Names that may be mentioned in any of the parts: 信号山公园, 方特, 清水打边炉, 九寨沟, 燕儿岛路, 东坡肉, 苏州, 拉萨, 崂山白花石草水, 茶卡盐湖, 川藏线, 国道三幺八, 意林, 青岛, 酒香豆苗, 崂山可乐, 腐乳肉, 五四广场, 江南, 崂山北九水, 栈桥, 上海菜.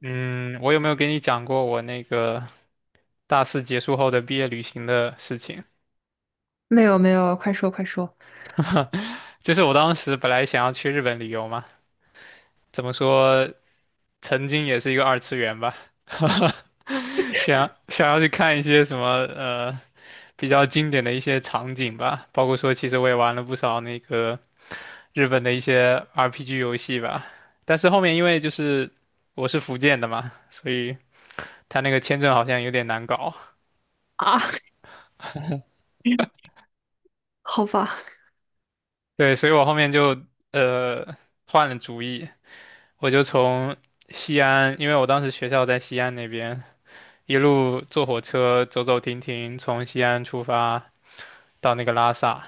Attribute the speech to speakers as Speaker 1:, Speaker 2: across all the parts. Speaker 1: 嗯，我有没有给你讲过我那个大四结束后的毕业旅行的事情？
Speaker 2: 没有没有，快说快说。
Speaker 1: 就是我当时本来想要去日本旅游嘛，怎么说，曾经也是一个二次元吧，想要去看一些什么比较经典的一些场景吧，包括说其实我也玩了不少那个日本的一些 RPG 游戏吧，但是后面因为就是我是福建的嘛，所以他那个签证好像有点难搞。
Speaker 2: 啊，好吧。
Speaker 1: 对，所以我后面就呃换了主意，我就从西安，因为我当时学校在西安那边，一路坐火车走走停停，从西安出发到那个拉萨。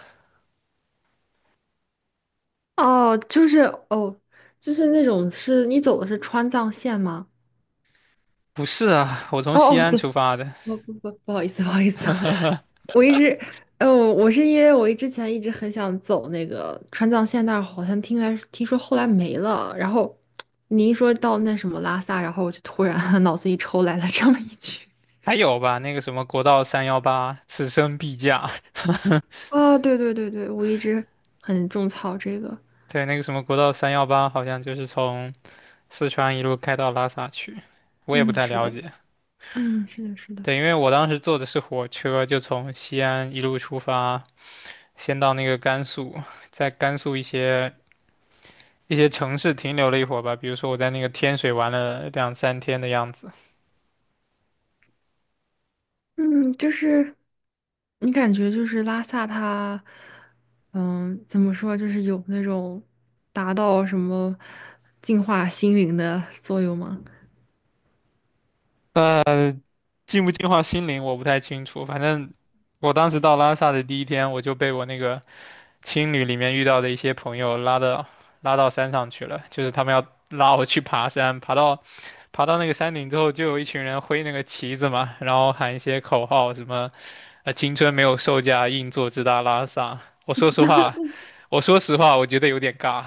Speaker 2: 哦，就是哦，就是那种你走的是川藏线吗？
Speaker 1: 不是啊，我从
Speaker 2: 哦好
Speaker 1: 西
Speaker 2: 哦，
Speaker 1: 安出发的，
Speaker 2: 不好意思，我一直，我是因为我之前一直很想走那个川藏线但是好像听说后来没了，然后你一说到那什么拉萨，然后我就突然 脑子一抽来了这么一句。
Speaker 1: 还有吧，那个什么国道三幺八，此生必驾。
Speaker 2: 啊，对对对对，我一直很种草这个。
Speaker 1: 对，那个什么国道三幺八，好像就是从四川一路开到拉萨去，我也不
Speaker 2: 嗯，
Speaker 1: 太
Speaker 2: 是
Speaker 1: 了
Speaker 2: 的。
Speaker 1: 解。
Speaker 2: 嗯，是的，是的。
Speaker 1: 对，因为我当时坐的是火车，就从西安一路出发。先到那个甘肃，在甘肃一些城市停留了一会儿吧，比如说我在那个天水玩了两三天的样子。
Speaker 2: 嗯,你感觉就是拉萨它，嗯，怎么说，就是有那种达到什么净化心灵的作用吗？
Speaker 1: 呃，净不净化心灵我不太清楚，反正我当时到拉萨的第一天，我就被我那个青旅里面遇到的一些朋友拉到山上去了，就是他们要拉我去爬山，爬到那个山顶之后，就有一群人挥那个旗子嘛，然后喊一些口号，什么青春没有售价，硬座直达拉萨。我说实话，我说实话，我觉得有点尬，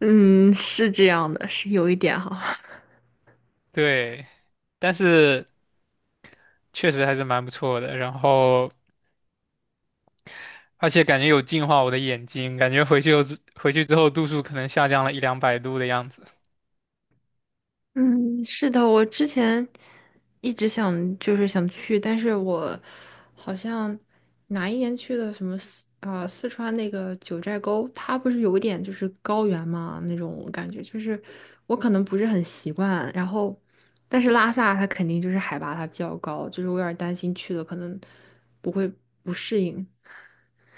Speaker 2: 嗯，是这样的，是有一点哈。
Speaker 1: 对，但是确实还是蛮不错的，然后。而且感觉有净化我的眼睛，感觉回去之后度数可能下降了一两百度的样子。
Speaker 2: 嗯，是的，我之前一直想去，但是我好像哪一年去的什么四川那个九寨沟，它不是有一点就是高原嘛那种感觉，就是我可能不是很习惯。然后，但是拉萨它肯定就是海拔它比较高，就是我有点担心去了可能不会不适应。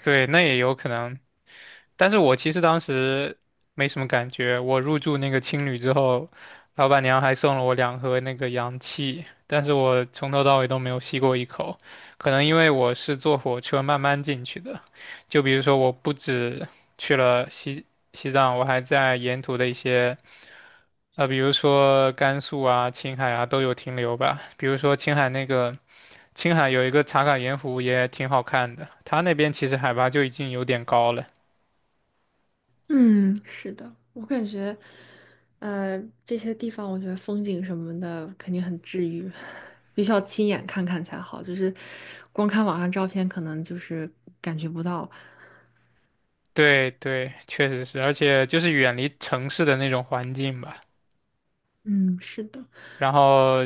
Speaker 1: 对，那也有可能。但是我其实当时没什么感觉，我入住那个青旅之后，老板娘还送了我两盒那个氧气，但是我从头到尾都没有吸过一口，可能因为我是坐火车慢慢进去的，就比如说我不止去了西藏，我还在沿途的一些。呃，比如说甘肃啊、青海啊都有停留吧。比如说青海那个，青海有一个茶卡盐湖也挺好看的，它那边其实海拔就已经有点高了。
Speaker 2: 嗯，是的，我感觉，这些地方我觉得风景什么的肯定很治愈，必须要亲眼看看才好，就是光看网上照片可能就是感觉不到。
Speaker 1: 对对，确实是，而且就是远离城市的那种环境吧。
Speaker 2: 嗯，是的。
Speaker 1: 然后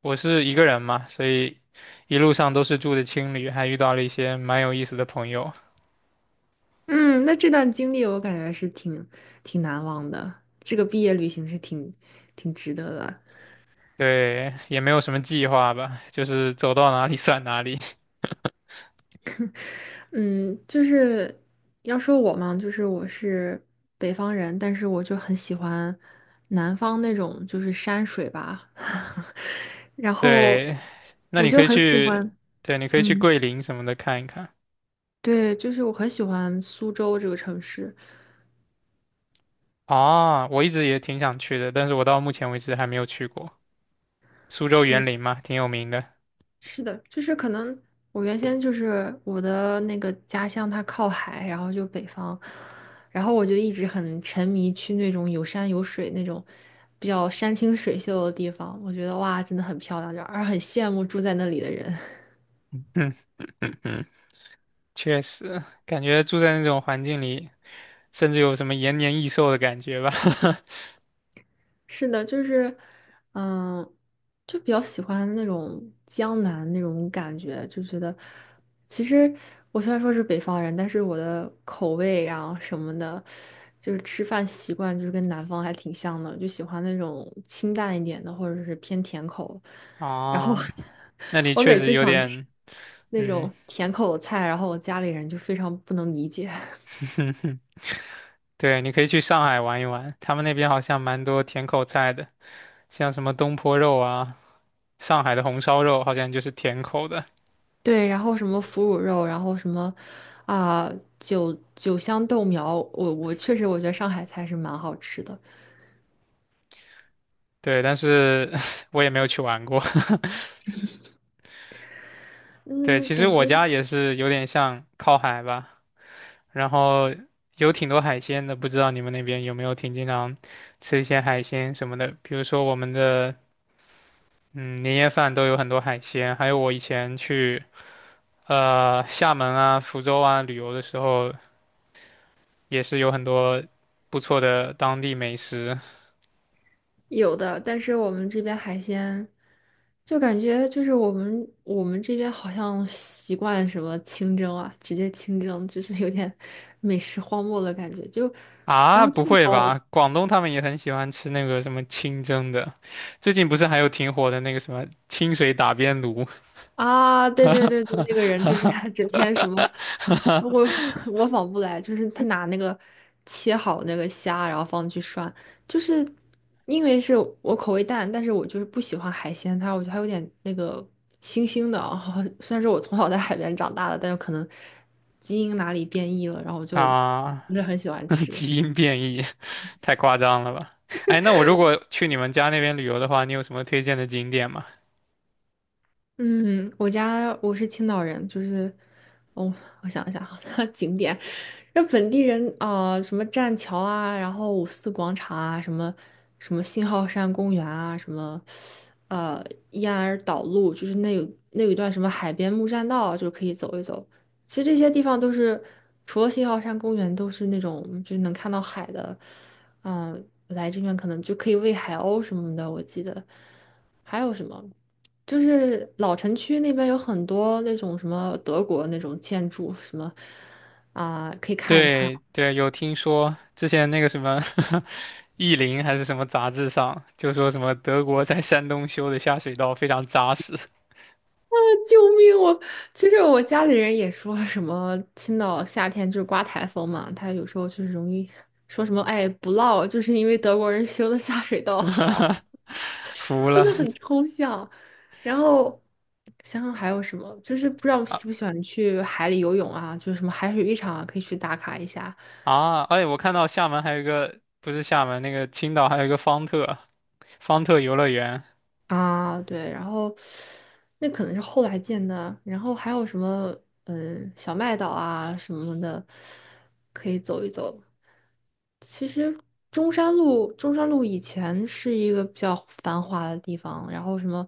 Speaker 1: 我是一个人嘛，所以一路上都是住的青旅，还遇到了一些蛮有意思的朋友。
Speaker 2: 嗯，那这段经历我感觉是挺难忘的，这个毕业旅行是挺值得的。
Speaker 1: 对，也没有什么计划吧，就是走到哪里 算哪里。
Speaker 2: 嗯，就是要说我嘛，就是我是北方人，但是我就很喜欢南方那种就是山水吧，然 后
Speaker 1: 对，那
Speaker 2: 我
Speaker 1: 你可
Speaker 2: 就
Speaker 1: 以
Speaker 2: 很喜
Speaker 1: 去，
Speaker 2: 欢。
Speaker 1: 对，你可以去
Speaker 2: 嗯，
Speaker 1: 桂林什么的看一看。
Speaker 2: 对，就是我很喜欢苏州这个城市。
Speaker 1: 啊，我一直也挺想去的，但是我到目前为止还没有去过。苏州
Speaker 2: 对。
Speaker 1: 园林嘛，挺有名的。
Speaker 2: 是的，就是可能我原先就是我的那个家乡，它靠海，然后就北方，然后我就一直很沉迷去那种有山有水那种比较山清水秀的地方，我觉得哇，真的很漂亮，就而很羡慕住在那里的人。
Speaker 1: 嗯嗯嗯，确实，感觉住在那种环境里。甚至有什么延年益寿的感觉吧。
Speaker 2: 是的，就是，嗯，就比较喜欢那种江南那种感觉，就觉得，其实我虽然说是北方人，但是我的口味啊什么的，就是吃饭习惯就是跟南方还挺像的，就喜欢那种清淡一点的，或者是偏甜口。然后
Speaker 1: 啊，那 里
Speaker 2: 我
Speaker 1: 确
Speaker 2: 每
Speaker 1: 实
Speaker 2: 次
Speaker 1: 有
Speaker 2: 想吃
Speaker 1: 点，
Speaker 2: 那
Speaker 1: 嗯，
Speaker 2: 种甜口的菜，然后我家里人就非常不能理解。
Speaker 1: 对，你可以去上海玩一玩，他们那边好像蛮多甜口菜的，像什么东坡肉啊，上海的红烧肉好像就是甜口的。
Speaker 2: 对，然后什么腐乳肉，然后什么啊、酒香豆苗，我确实我觉得上海菜是蛮好吃的。
Speaker 1: 对，但是 我也没有去玩过。对，
Speaker 2: 嗯，
Speaker 1: 其实
Speaker 2: 感
Speaker 1: 我
Speaker 2: 觉
Speaker 1: 家也是有点像靠海吧，然后有挺多海鲜的，不知道你们那边有没有挺经常吃一些海鲜什么的，比如说我们的嗯，年夜饭都有很多海鲜，还有我以前去厦门啊、福州啊旅游的时候，也是有很多不错的当地美食
Speaker 2: 有的，但是我们这边海鲜就感觉就是我们这边好像习惯什么清蒸啊，直接清蒸，就是有点 美食荒漠的感觉。就然
Speaker 1: 啊。
Speaker 2: 后
Speaker 1: 不
Speaker 2: 镜
Speaker 1: 会
Speaker 2: 头
Speaker 1: 吧？广东他们也很喜欢吃那个什么清蒸的，最近不是还有挺火的那个什么清水打边炉
Speaker 2: 啊，对对对对，那个人就是他整天什么，我 我 仿不来，就是他拿那个切好那个虾，然后放进去涮。就是因为是我口味淡，但是我就是不喜欢海鲜，它我觉得它有点那个腥腥的啊。虽然说我从小在海边长大的，但是可能基因哪里变异了，然后我就
Speaker 1: 啊？
Speaker 2: 不是很喜欢 吃。
Speaker 1: 基因变异，太夸张了吧？哎，那我如果去你们家那边旅游的话，你有什么推荐的景点吗？
Speaker 2: 嗯，我家我是青岛人。哦，我想一想啊，景点。那本地人啊、什么栈桥啊，然后五四广场啊，什么什么信号山公园啊，什么呃燕儿岛路，就是那有那有一段什么海边木栈道啊，就是可以走一走。其实这些地方都是除了信号山公园，都是那种就能看到海的。嗯、来这边可能就可以喂海鸥什么的，我记得还有什么。就是老城区那边有很多那种什么德国那种建筑，什么，啊、可以看一看。
Speaker 1: 对对，有听说之前那个什么 《意林》还是什么杂志上，就说什么德国在山东修的下水道非常扎实，
Speaker 2: 救命！我其实我家里人也说什么青岛夏天就是刮台风嘛，他有时候就是容易说什么哎不涝，就是因为德国人修的下水道 好。
Speaker 1: 服
Speaker 2: 真
Speaker 1: 了
Speaker 2: 的很抽象。然后想想还有什么，就是不知道
Speaker 1: 啊
Speaker 2: 喜不喜欢去海里游泳啊，就是什么海水浴场啊，可以去打卡一下。
Speaker 1: 啊！哎，我看到厦门还有一个，不是厦门那个青岛还有一个方特方特游乐园
Speaker 2: 啊，对，然后那可能是后来建的，然后还有什么嗯小麦岛啊什么的，可以走一走。其实中山路，中山路以前是一个比较繁华的地方，然后什么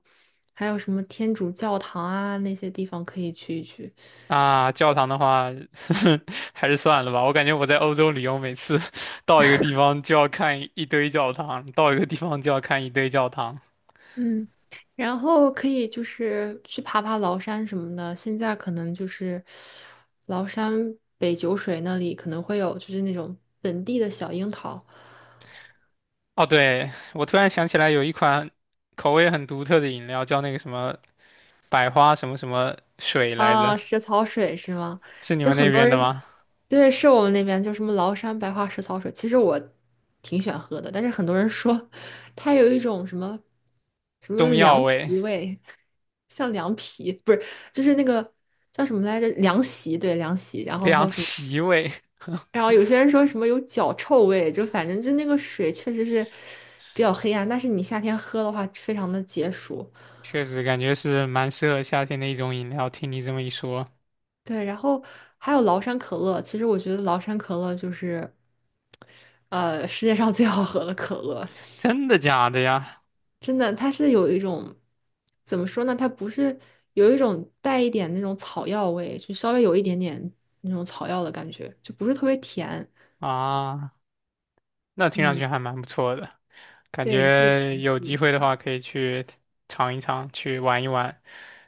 Speaker 2: 还有什么天主教堂啊那些地方可以去一去。
Speaker 1: 啊，教堂的话 还是算了吧，我感觉我在欧洲旅游，每次 到一个地方就要看一堆教堂，到一个地方就要看一堆教堂。
Speaker 2: 嗯，然后可以就是去爬爬崂山什么的。现在可能就是崂山北九水那里可能会有，就是那种本地的小樱桃
Speaker 1: 哦，对，我突然想起来有一款口味很独特的饮料，叫那个什么百花什么什么水来着，
Speaker 2: 啊，石草水是吗？
Speaker 1: 是你
Speaker 2: 就
Speaker 1: 们那
Speaker 2: 很多
Speaker 1: 边的
Speaker 2: 人
Speaker 1: 吗？
Speaker 2: 对，是我们那边就什么崂山白花石草水，其实我挺喜欢喝的，但是很多人说它有一种什么什么
Speaker 1: 中药
Speaker 2: 凉
Speaker 1: 味、
Speaker 2: 皮味，像凉皮，不是，就是那个叫什么来着？凉席，对，凉席，然后还
Speaker 1: 凉
Speaker 2: 有什么？
Speaker 1: 席味，
Speaker 2: 然后有些人说什么有脚臭味，就反正就那个水确实是比较黑暗，但是你夏天喝的话，非常的解暑。
Speaker 1: 确实感觉是蛮适合夏天的一种饮料。听你这么一说，
Speaker 2: 对，然后还有崂山可乐，其实我觉得崂山可乐就是，世界上最好喝的可乐。
Speaker 1: 真的假的呀？
Speaker 2: 真的，它是有一种怎么说呢？它不是有一种带一点那种草药味，就稍微有一点点那种草药的感觉，就不是特别甜。
Speaker 1: 啊，那听上
Speaker 2: 嗯，
Speaker 1: 去还蛮不错的，感
Speaker 2: 对，你可以
Speaker 1: 觉
Speaker 2: 尝试
Speaker 1: 有机
Speaker 2: 一
Speaker 1: 会的
Speaker 2: 下。
Speaker 1: 话可以去尝一尝，去玩一玩。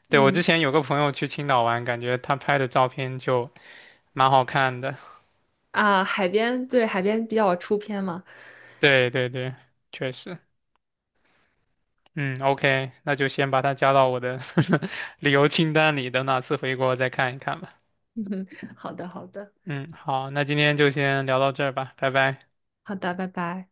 Speaker 1: 对，我之
Speaker 2: 嗯。
Speaker 1: 前有个朋友去青岛玩，感觉他拍的照片就蛮好看的。
Speaker 2: 啊，海边，对，海边比较出片嘛。
Speaker 1: 对对对，确实，嗯，OK，那就先把它加到我的 旅游清单里，等哪次回国再看一看吧。
Speaker 2: 好的，好的，
Speaker 1: 嗯，好，那今天就先聊到这儿吧，拜拜。
Speaker 2: 好的，拜拜。